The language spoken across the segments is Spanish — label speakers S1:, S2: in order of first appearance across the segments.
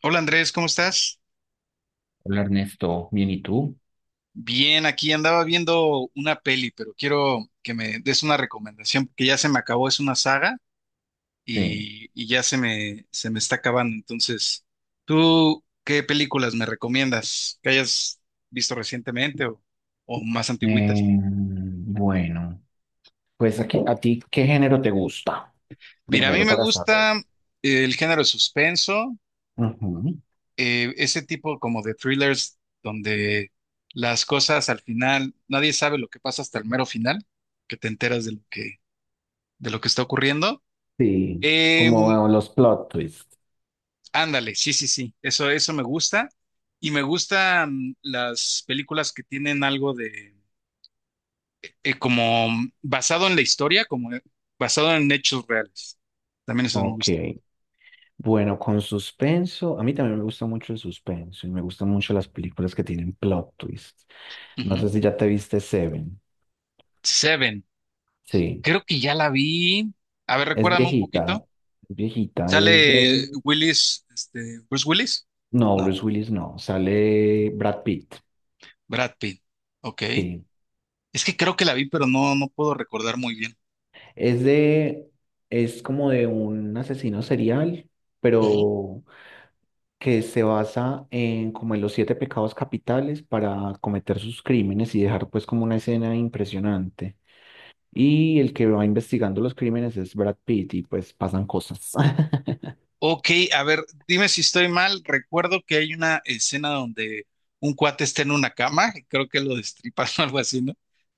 S1: Hola Andrés, ¿cómo estás?
S2: Hola Ernesto, bien, ¿y tú?
S1: Bien, aquí andaba viendo una peli, pero quiero que me des una recomendación, porque ya se me acabó, es una saga
S2: Sí.
S1: y ya se me está acabando. Entonces, ¿tú qué películas me recomiendas que hayas visto recientemente o más antigüitas?
S2: Bueno, pues aquí, ¿a ti qué género te gusta?
S1: Mira, a mí
S2: Primero
S1: me
S2: para saber.
S1: gusta el género de suspenso,
S2: Ujú.
S1: ese tipo como de thrillers donde las cosas al final, nadie sabe lo que pasa hasta el mero final, que te enteras de lo que está ocurriendo.
S2: Sí,
S1: Em,
S2: como los plot twists.
S1: Ándale, sí, eso me gusta. Y me gustan las películas que tienen algo de, como basado en la historia, como basado en hechos reales. También eso me
S2: Ok.
S1: gusta.
S2: Bueno, con suspenso, a mí también me gusta mucho el suspenso y me gustan mucho las películas que tienen plot twists. No
S1: Ujú.
S2: sé si ya te viste Seven.
S1: Seven,
S2: Sí,
S1: creo que ya la vi. A ver,
S2: es
S1: recuérdame un poquito.
S2: viejita, es viejita, es
S1: ¿Sale
S2: de...
S1: Willis, Bruce Willis?
S2: No,
S1: No,
S2: Bruce Willis no, sale Brad Pitt.
S1: Brad Pitt. Ok.
S2: Sí.
S1: Es que creo que la vi, pero no puedo recordar muy bien.
S2: Es de, es como de un asesino serial, pero que se basa en como en los siete pecados capitales para cometer sus crímenes y dejar pues como una escena impresionante. Y el que va investigando los crímenes es Brad Pitt y pues pasan cosas.
S1: Ok, a ver, dime si estoy mal. Recuerdo que hay una escena donde un cuate está en una cama, y creo que lo destripan o algo así, ¿no?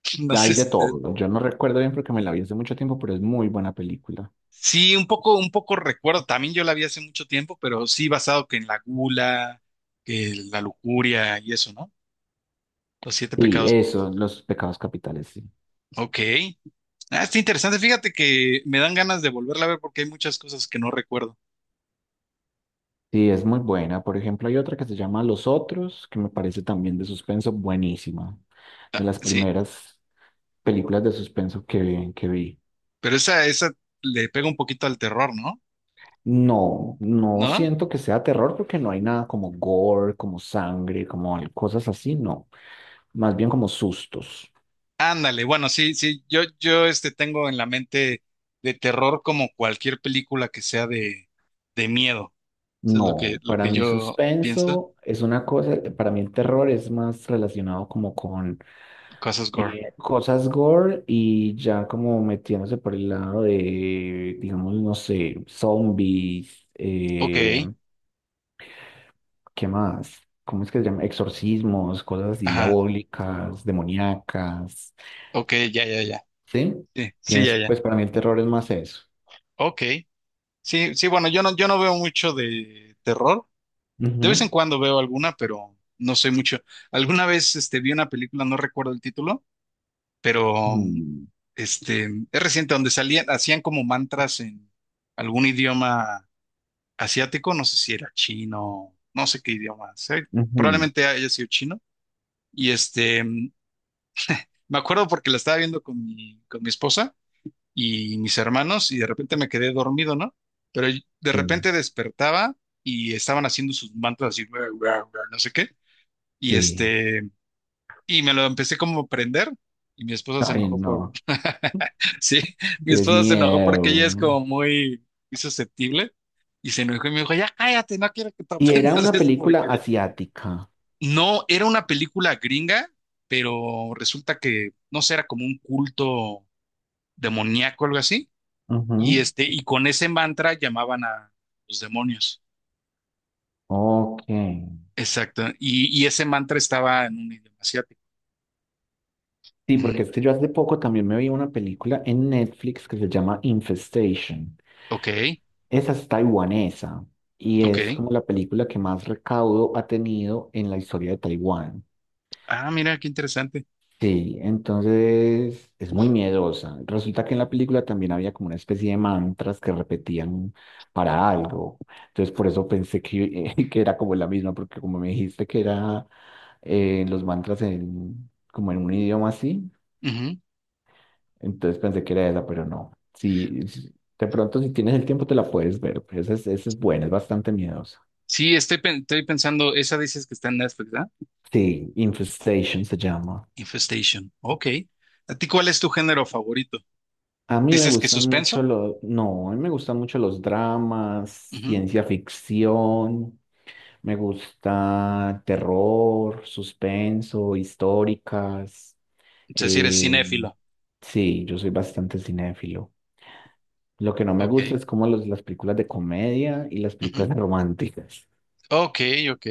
S1: No sé
S2: Hay de
S1: si sea.
S2: todo. Yo no recuerdo bien porque me la vi hace mucho tiempo, pero es muy buena película.
S1: Sí, un poco recuerdo. También yo la vi hace mucho tiempo, pero sí basado que en la gula, que la lujuria y eso, ¿no? Los siete
S2: Sí,
S1: pecados, como dices.
S2: eso, los pecados capitales, sí.
S1: Ok. Ah, está interesante. Fíjate que me dan ganas de volverla a ver porque hay muchas cosas que no recuerdo.
S2: Sí, es muy buena. Por ejemplo, hay otra que se llama Los Otros, que me parece también de suspenso buenísima. De
S1: Ah,
S2: las
S1: sí,
S2: primeras películas de suspenso que vi.
S1: pero esa le pega un poquito al terror, ¿no?
S2: No, no
S1: ¿No?
S2: siento que sea terror porque no hay nada como gore, como sangre, como cosas así, no. Más bien como sustos.
S1: Ándale, bueno, sí, sí, yo tengo en la mente de terror como cualquier película que sea de miedo. Eso es
S2: No,
S1: lo
S2: para
S1: que
S2: mí
S1: yo pienso.
S2: suspenso es una cosa, para mí el terror es más relacionado como con
S1: Cosas gore.
S2: cosas gore y ya como metiéndose por el lado de, digamos, no sé, zombies,
S1: Ok,
S2: ¿qué más? ¿Cómo es que se llama? Exorcismos, cosas así
S1: ajá,
S2: diabólicas, demoníacas,
S1: ok, ya.
S2: ¿sí?
S1: Sí, sí,
S2: Pienso,
S1: ya.
S2: pues para mí el terror es más eso.
S1: Ok. Sí, sí, bueno, yo no veo mucho de terror. De vez en
S2: Ujú,
S1: cuando veo alguna, pero no soy mucho. Alguna vez vi una película, no recuerdo el título, pero
S2: ujú,
S1: este, es reciente, donde salían, hacían como mantras en algún idioma asiático, no sé si era chino, no sé qué idioma,
S2: ujú.
S1: probablemente haya sido chino. Y me acuerdo porque la estaba viendo con con mi esposa y mis hermanos y de repente me quedé dormido, ¿no? Pero de
S2: Sí,
S1: repente despertaba y estaban haciendo sus mantras así, "Ruah, ruah, ruah", no sé qué. Y
S2: sí.
S1: y me lo empecé como a prender y mi esposa se
S2: Ay,
S1: enojó por...
S2: no,
S1: Sí, mi
S2: es
S1: esposa se enojó porque ella es
S2: miedo.
S1: como muy susceptible y se enojó y me dijo, ya cállate, no quiero que te
S2: Y era
S1: aprendas
S2: una
S1: esa
S2: película
S1: porquería.
S2: asiática.
S1: No, era una película gringa, pero resulta que, no sé, era como un culto demoníaco, algo así, y,
S2: Ujú.
S1: este, y con ese mantra llamaban a los demonios.
S2: Ok.
S1: Exacto, y ese mantra estaba en un idioma asiático.
S2: Sí,
S1: Ujú.
S2: porque es que yo hace poco también me vi una película en Netflix que se llama Infestation.
S1: Ok,
S2: Esa es taiwanesa y
S1: ok.
S2: es como la película que más recaudo ha tenido en la historia de Taiwán.
S1: Ah, mira, qué interesante.
S2: Sí, entonces es muy miedosa. Resulta que en la película también había como una especie de mantras que repetían para algo. Entonces por eso pensé que, que era como la misma, porque como me dijiste que era los mantras en, como en un idioma así.
S1: Ujú.
S2: Entonces pensé que era esa, pero no. De pronto, si tienes el tiempo, te la puedes ver. Pues esa es buena, es bastante miedosa.
S1: Sí, estoy pensando, esa dices que está en Netflix, ¿verdad?
S2: Sí, Infestation se llama.
S1: Infestation. Ok. ¿A ti cuál es tu género favorito?
S2: A mí me
S1: ¿Dices que
S2: gustan mucho
S1: suspenso?
S2: los, no, a mí me gustan mucho los dramas,
S1: Ujú.
S2: ciencia ficción, me gusta terror, suspenso, históricas.
S1: O sea, si eres
S2: eh,
S1: cinéfilo.
S2: sí, yo soy bastante cinéfilo. Lo que no me gusta
S1: Ok.
S2: es como las películas de comedia y las películas
S1: Ujú.
S2: románticas.
S1: Ok, ok.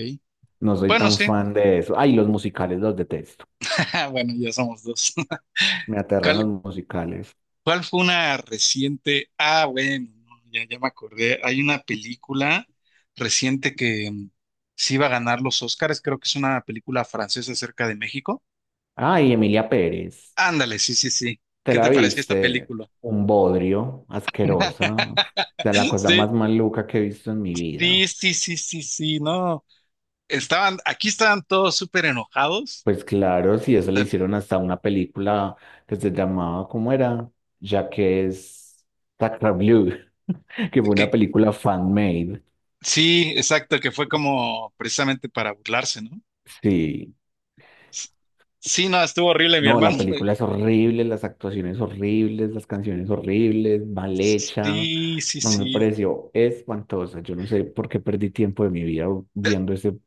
S2: No soy
S1: Bueno,
S2: tan
S1: sí.
S2: fan de eso. Ay, los musicales los detesto.
S1: Bueno, ya somos dos.
S2: Me aterran
S1: ¿Cuál,
S2: los musicales.
S1: ¿cuál fue una reciente? Ah, bueno, no, ya me acordé. Hay una película reciente que sí iba a ganar los Oscars. Creo que es una película francesa acerca de México.
S2: Ay, Emilia Pérez.
S1: Ándale, sí.
S2: ¿Te
S1: ¿Qué
S2: la
S1: te pareció esta
S2: viste?
S1: película?
S2: Un bodrio, asquerosa. O sea, la cosa
S1: Sí,
S2: más maluca que he visto en mi vida.
S1: sí, no. Estaban, aquí estaban todos súper enojados.
S2: Pues claro, si eso
S1: O
S2: le
S1: sea,
S2: hicieron hasta una película que se llamaba, ¿cómo era? Ya que es Sacra Blue, que fue una
S1: que-
S2: película fan-made.
S1: sí, exacto, que fue como precisamente para burlarse, ¿no?
S2: Sí.
S1: Sí, no, estuvo horrible, mi
S2: No, la
S1: hermano.
S2: película es horrible, las actuaciones horribles, las canciones horribles, mal hecha.
S1: Sí,
S2: No me
S1: sí.
S2: pareció espantosa. Yo no sé por qué perdí tiempo de mi vida viendo ese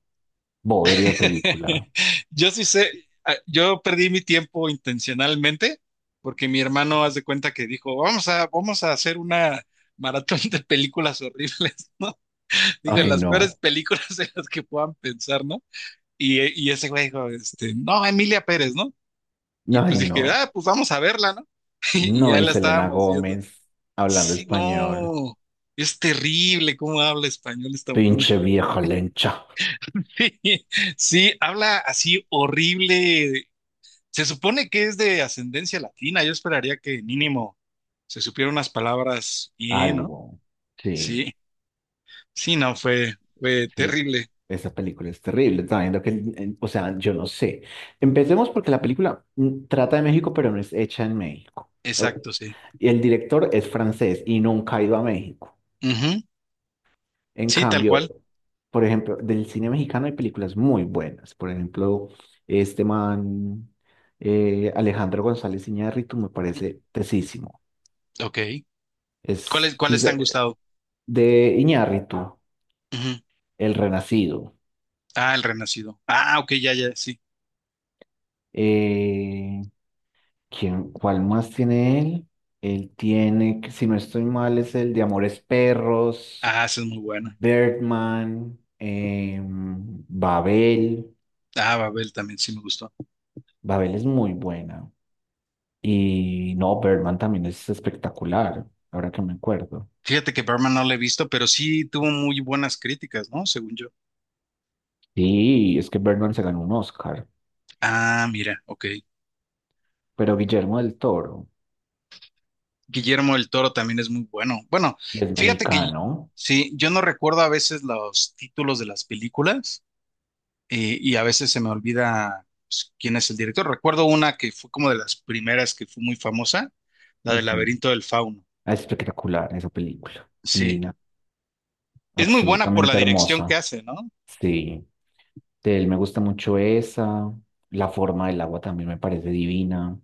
S2: bodrio de película.
S1: Yo sí sé, ah, yo perdí mi tiempo intencionalmente porque mi hermano, haz de cuenta que dijo, vamos a hacer una maratón de películas horribles, ¿no? Dije,
S2: Ay,
S1: las peores
S2: no.
S1: películas de las que puedan pensar, ¿no? Y, y ese güey dijo, no, Emilia Pérez, ¿no? Y pues
S2: Ay,
S1: dije,
S2: no.
S1: ah, pues vamos a verla, ¿no? Y
S2: No,
S1: ya
S2: y
S1: la
S2: Selena
S1: estábamos viendo.
S2: Gómez hablando
S1: Sí,
S2: español.
S1: no, es terrible cómo habla español esta mona.
S2: Pinche vieja lencha.
S1: Sí, sí, habla así horrible. Se supone que es de ascendencia latina. Yo esperaría que mínimo se supiera unas palabras bien, ¿no?
S2: Algo. Sí.
S1: Sí, sí, no, fue
S2: El-
S1: terrible.
S2: Esa película es terrible. También o sea, yo no sé. Empecemos porque la película trata de México, pero no es hecha en México. O-
S1: Exacto, sí.
S2: Y el director es francés y nunca ha ido a México.
S1: Ujú,
S2: En
S1: sí, tal
S2: cambio,
S1: cual.
S2: por ejemplo, del cine mexicano hay películas muy buenas. Por ejemplo, este man, Alejandro González Iñárritu, me parece tesísimo.
S1: Ok.
S2: Es sí,
S1: ¿Cuáles te han gustado?
S2: de Iñárritu, El Renacido.
S1: Ah, El Renacido. Ah, ok, ya, sí.
S2: Eh, ¿Quién, cuál más tiene él? Él tiene, si no estoy mal, es el de Amores Perros,
S1: Ah, esa es muy buena.
S2: Birdman, Babel.
S1: Ah, Babel también sí me gustó.
S2: Babel es muy buena. Y no, Birdman también es espectacular, ahora que me acuerdo.
S1: Fíjate que Berman no la he visto, pero sí tuvo muy buenas críticas, ¿no? Según yo.
S2: Sí, es que Birdman se ganó un Oscar,
S1: Ah, mira, ok.
S2: pero Guillermo del Toro,
S1: Guillermo del Toro también es muy bueno. Bueno,
S2: y es
S1: fíjate que
S2: mexicano.
S1: sí, yo no recuerdo a veces los títulos de las películas y a veces se me olvida pues, quién es el director. Recuerdo una que fue como de las primeras que fue muy famosa, la del
S2: Ujú.
S1: Laberinto del Fauno.
S2: Es espectacular esa película,
S1: Sí,
S2: divina,
S1: es muy buena por la
S2: absolutamente
S1: dirección que
S2: hermosa.
S1: hace, ¿no?
S2: Sí. De él me gusta mucho esa. La forma del agua también me parece divina.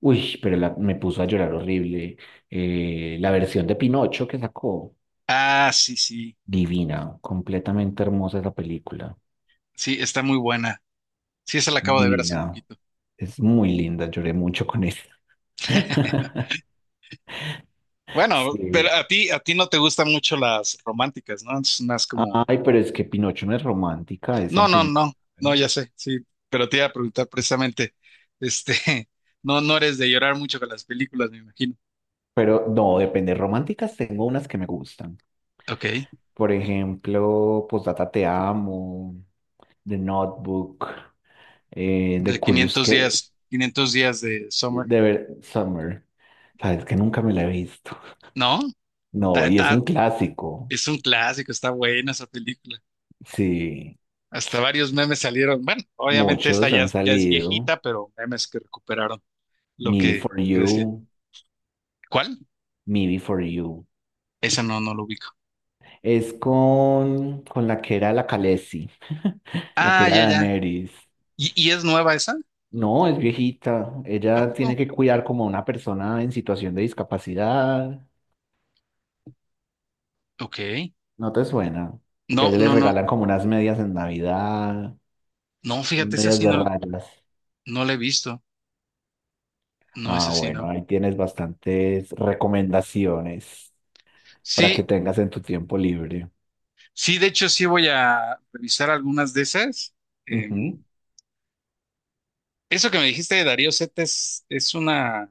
S2: Uy, pero me puso a llorar horrible. La versión de Pinocho que sacó,
S1: Ah, sí, sí.
S2: divina, completamente hermosa esa película.
S1: Sí, está muy buena. Sí, esa la acabo de ver hace
S2: Divina.
S1: poquito.
S2: Es muy linda, lloré mucho con esa.
S1: Bueno, pero
S2: Sí.
S1: a ti no te gustan mucho las románticas, ¿no? Es más como,
S2: Ay, pero es que Pinocho no es romántica, es
S1: no, no,
S2: sentimental.
S1: no, no, ya sé, sí, pero te iba a preguntar precisamente, este, no, no eres de llorar mucho con las películas, me imagino.
S2: Pero no, depende. Románticas tengo unas que me gustan.
S1: Ok,
S2: Por ejemplo, Postdata Te Amo, The Notebook, The Curious que
S1: 500 días de Summer,
S2: de ver Summer. Sabes que nunca me la he visto.
S1: ¿no?
S2: No,
S1: Ta-
S2: y es
S1: ta-
S2: un clásico.
S1: es un clásico, está buena esa película.
S2: Sí,
S1: Hasta varios memes salieron, bueno, obviamente esta
S2: muchos
S1: ya,
S2: han
S1: ya es
S2: salido.
S1: viejita, pero memes que recuperaron lo
S2: Me
S1: que,
S2: Before
S1: que decía.
S2: You,
S1: ¿Cuál?
S2: Me Before You.
S1: Esa no, no lo ubico.
S2: Es con, la que era la Khaleesi, la que
S1: Ah,
S2: era
S1: ya.
S2: Daenerys.
S1: ¿Y es nueva esa?
S2: No, es viejita.
S1: ¿A
S2: Ella tiene
S1: poco?
S2: que cuidar como a una persona en situación de discapacidad.
S1: Ok.
S2: ¿No te suena? Que a
S1: No,
S2: ella le
S1: no, no.
S2: regalan como unas medias en Navidad,
S1: No,
S2: unas
S1: fíjate, esa
S2: medias
S1: sí
S2: de
S1: no,
S2: rayas.
S1: no la he visto. No,
S2: Ah,
S1: esa sí
S2: bueno,
S1: no.
S2: ahí tienes bastantes recomendaciones para que
S1: Sí,
S2: tengas en tu tiempo libre.
S1: sí, de hecho sí voy a revisar algunas de esas. Em,
S2: Ujú.
S1: Eso que me dijiste de Darío Zeta es una...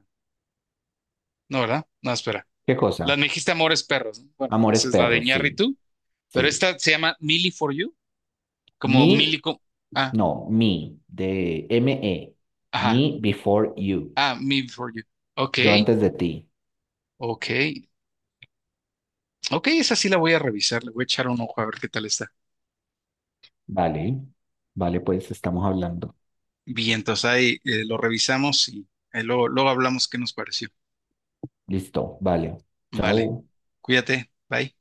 S1: No, ¿verdad? No, espera.
S2: ¿Qué
S1: La
S2: cosa?
S1: me dijiste Amores Perros, ¿no? Bueno,
S2: Amores
S1: esa es la de
S2: Perros, sí,
S1: Iñárritu, pero
S2: sí.
S1: esta se llama Millie for You,
S2: Me,
S1: como Millie... Ah,
S2: no, me, de ME.
S1: ajá.
S2: Me before you.
S1: Ah, Millie for You.
S2: Yo
S1: Ok,
S2: antes de ti.
S1: ok. Ok, esa sí la voy a revisar, le voy a echar un ojo a ver qué tal está.
S2: Vale, vale, pues estamos hablando.
S1: Bien, entonces ahí lo revisamos y luego hablamos qué nos pareció.
S2: Listo, vale.
S1: Vale,
S2: Chao.
S1: cuídate, bye.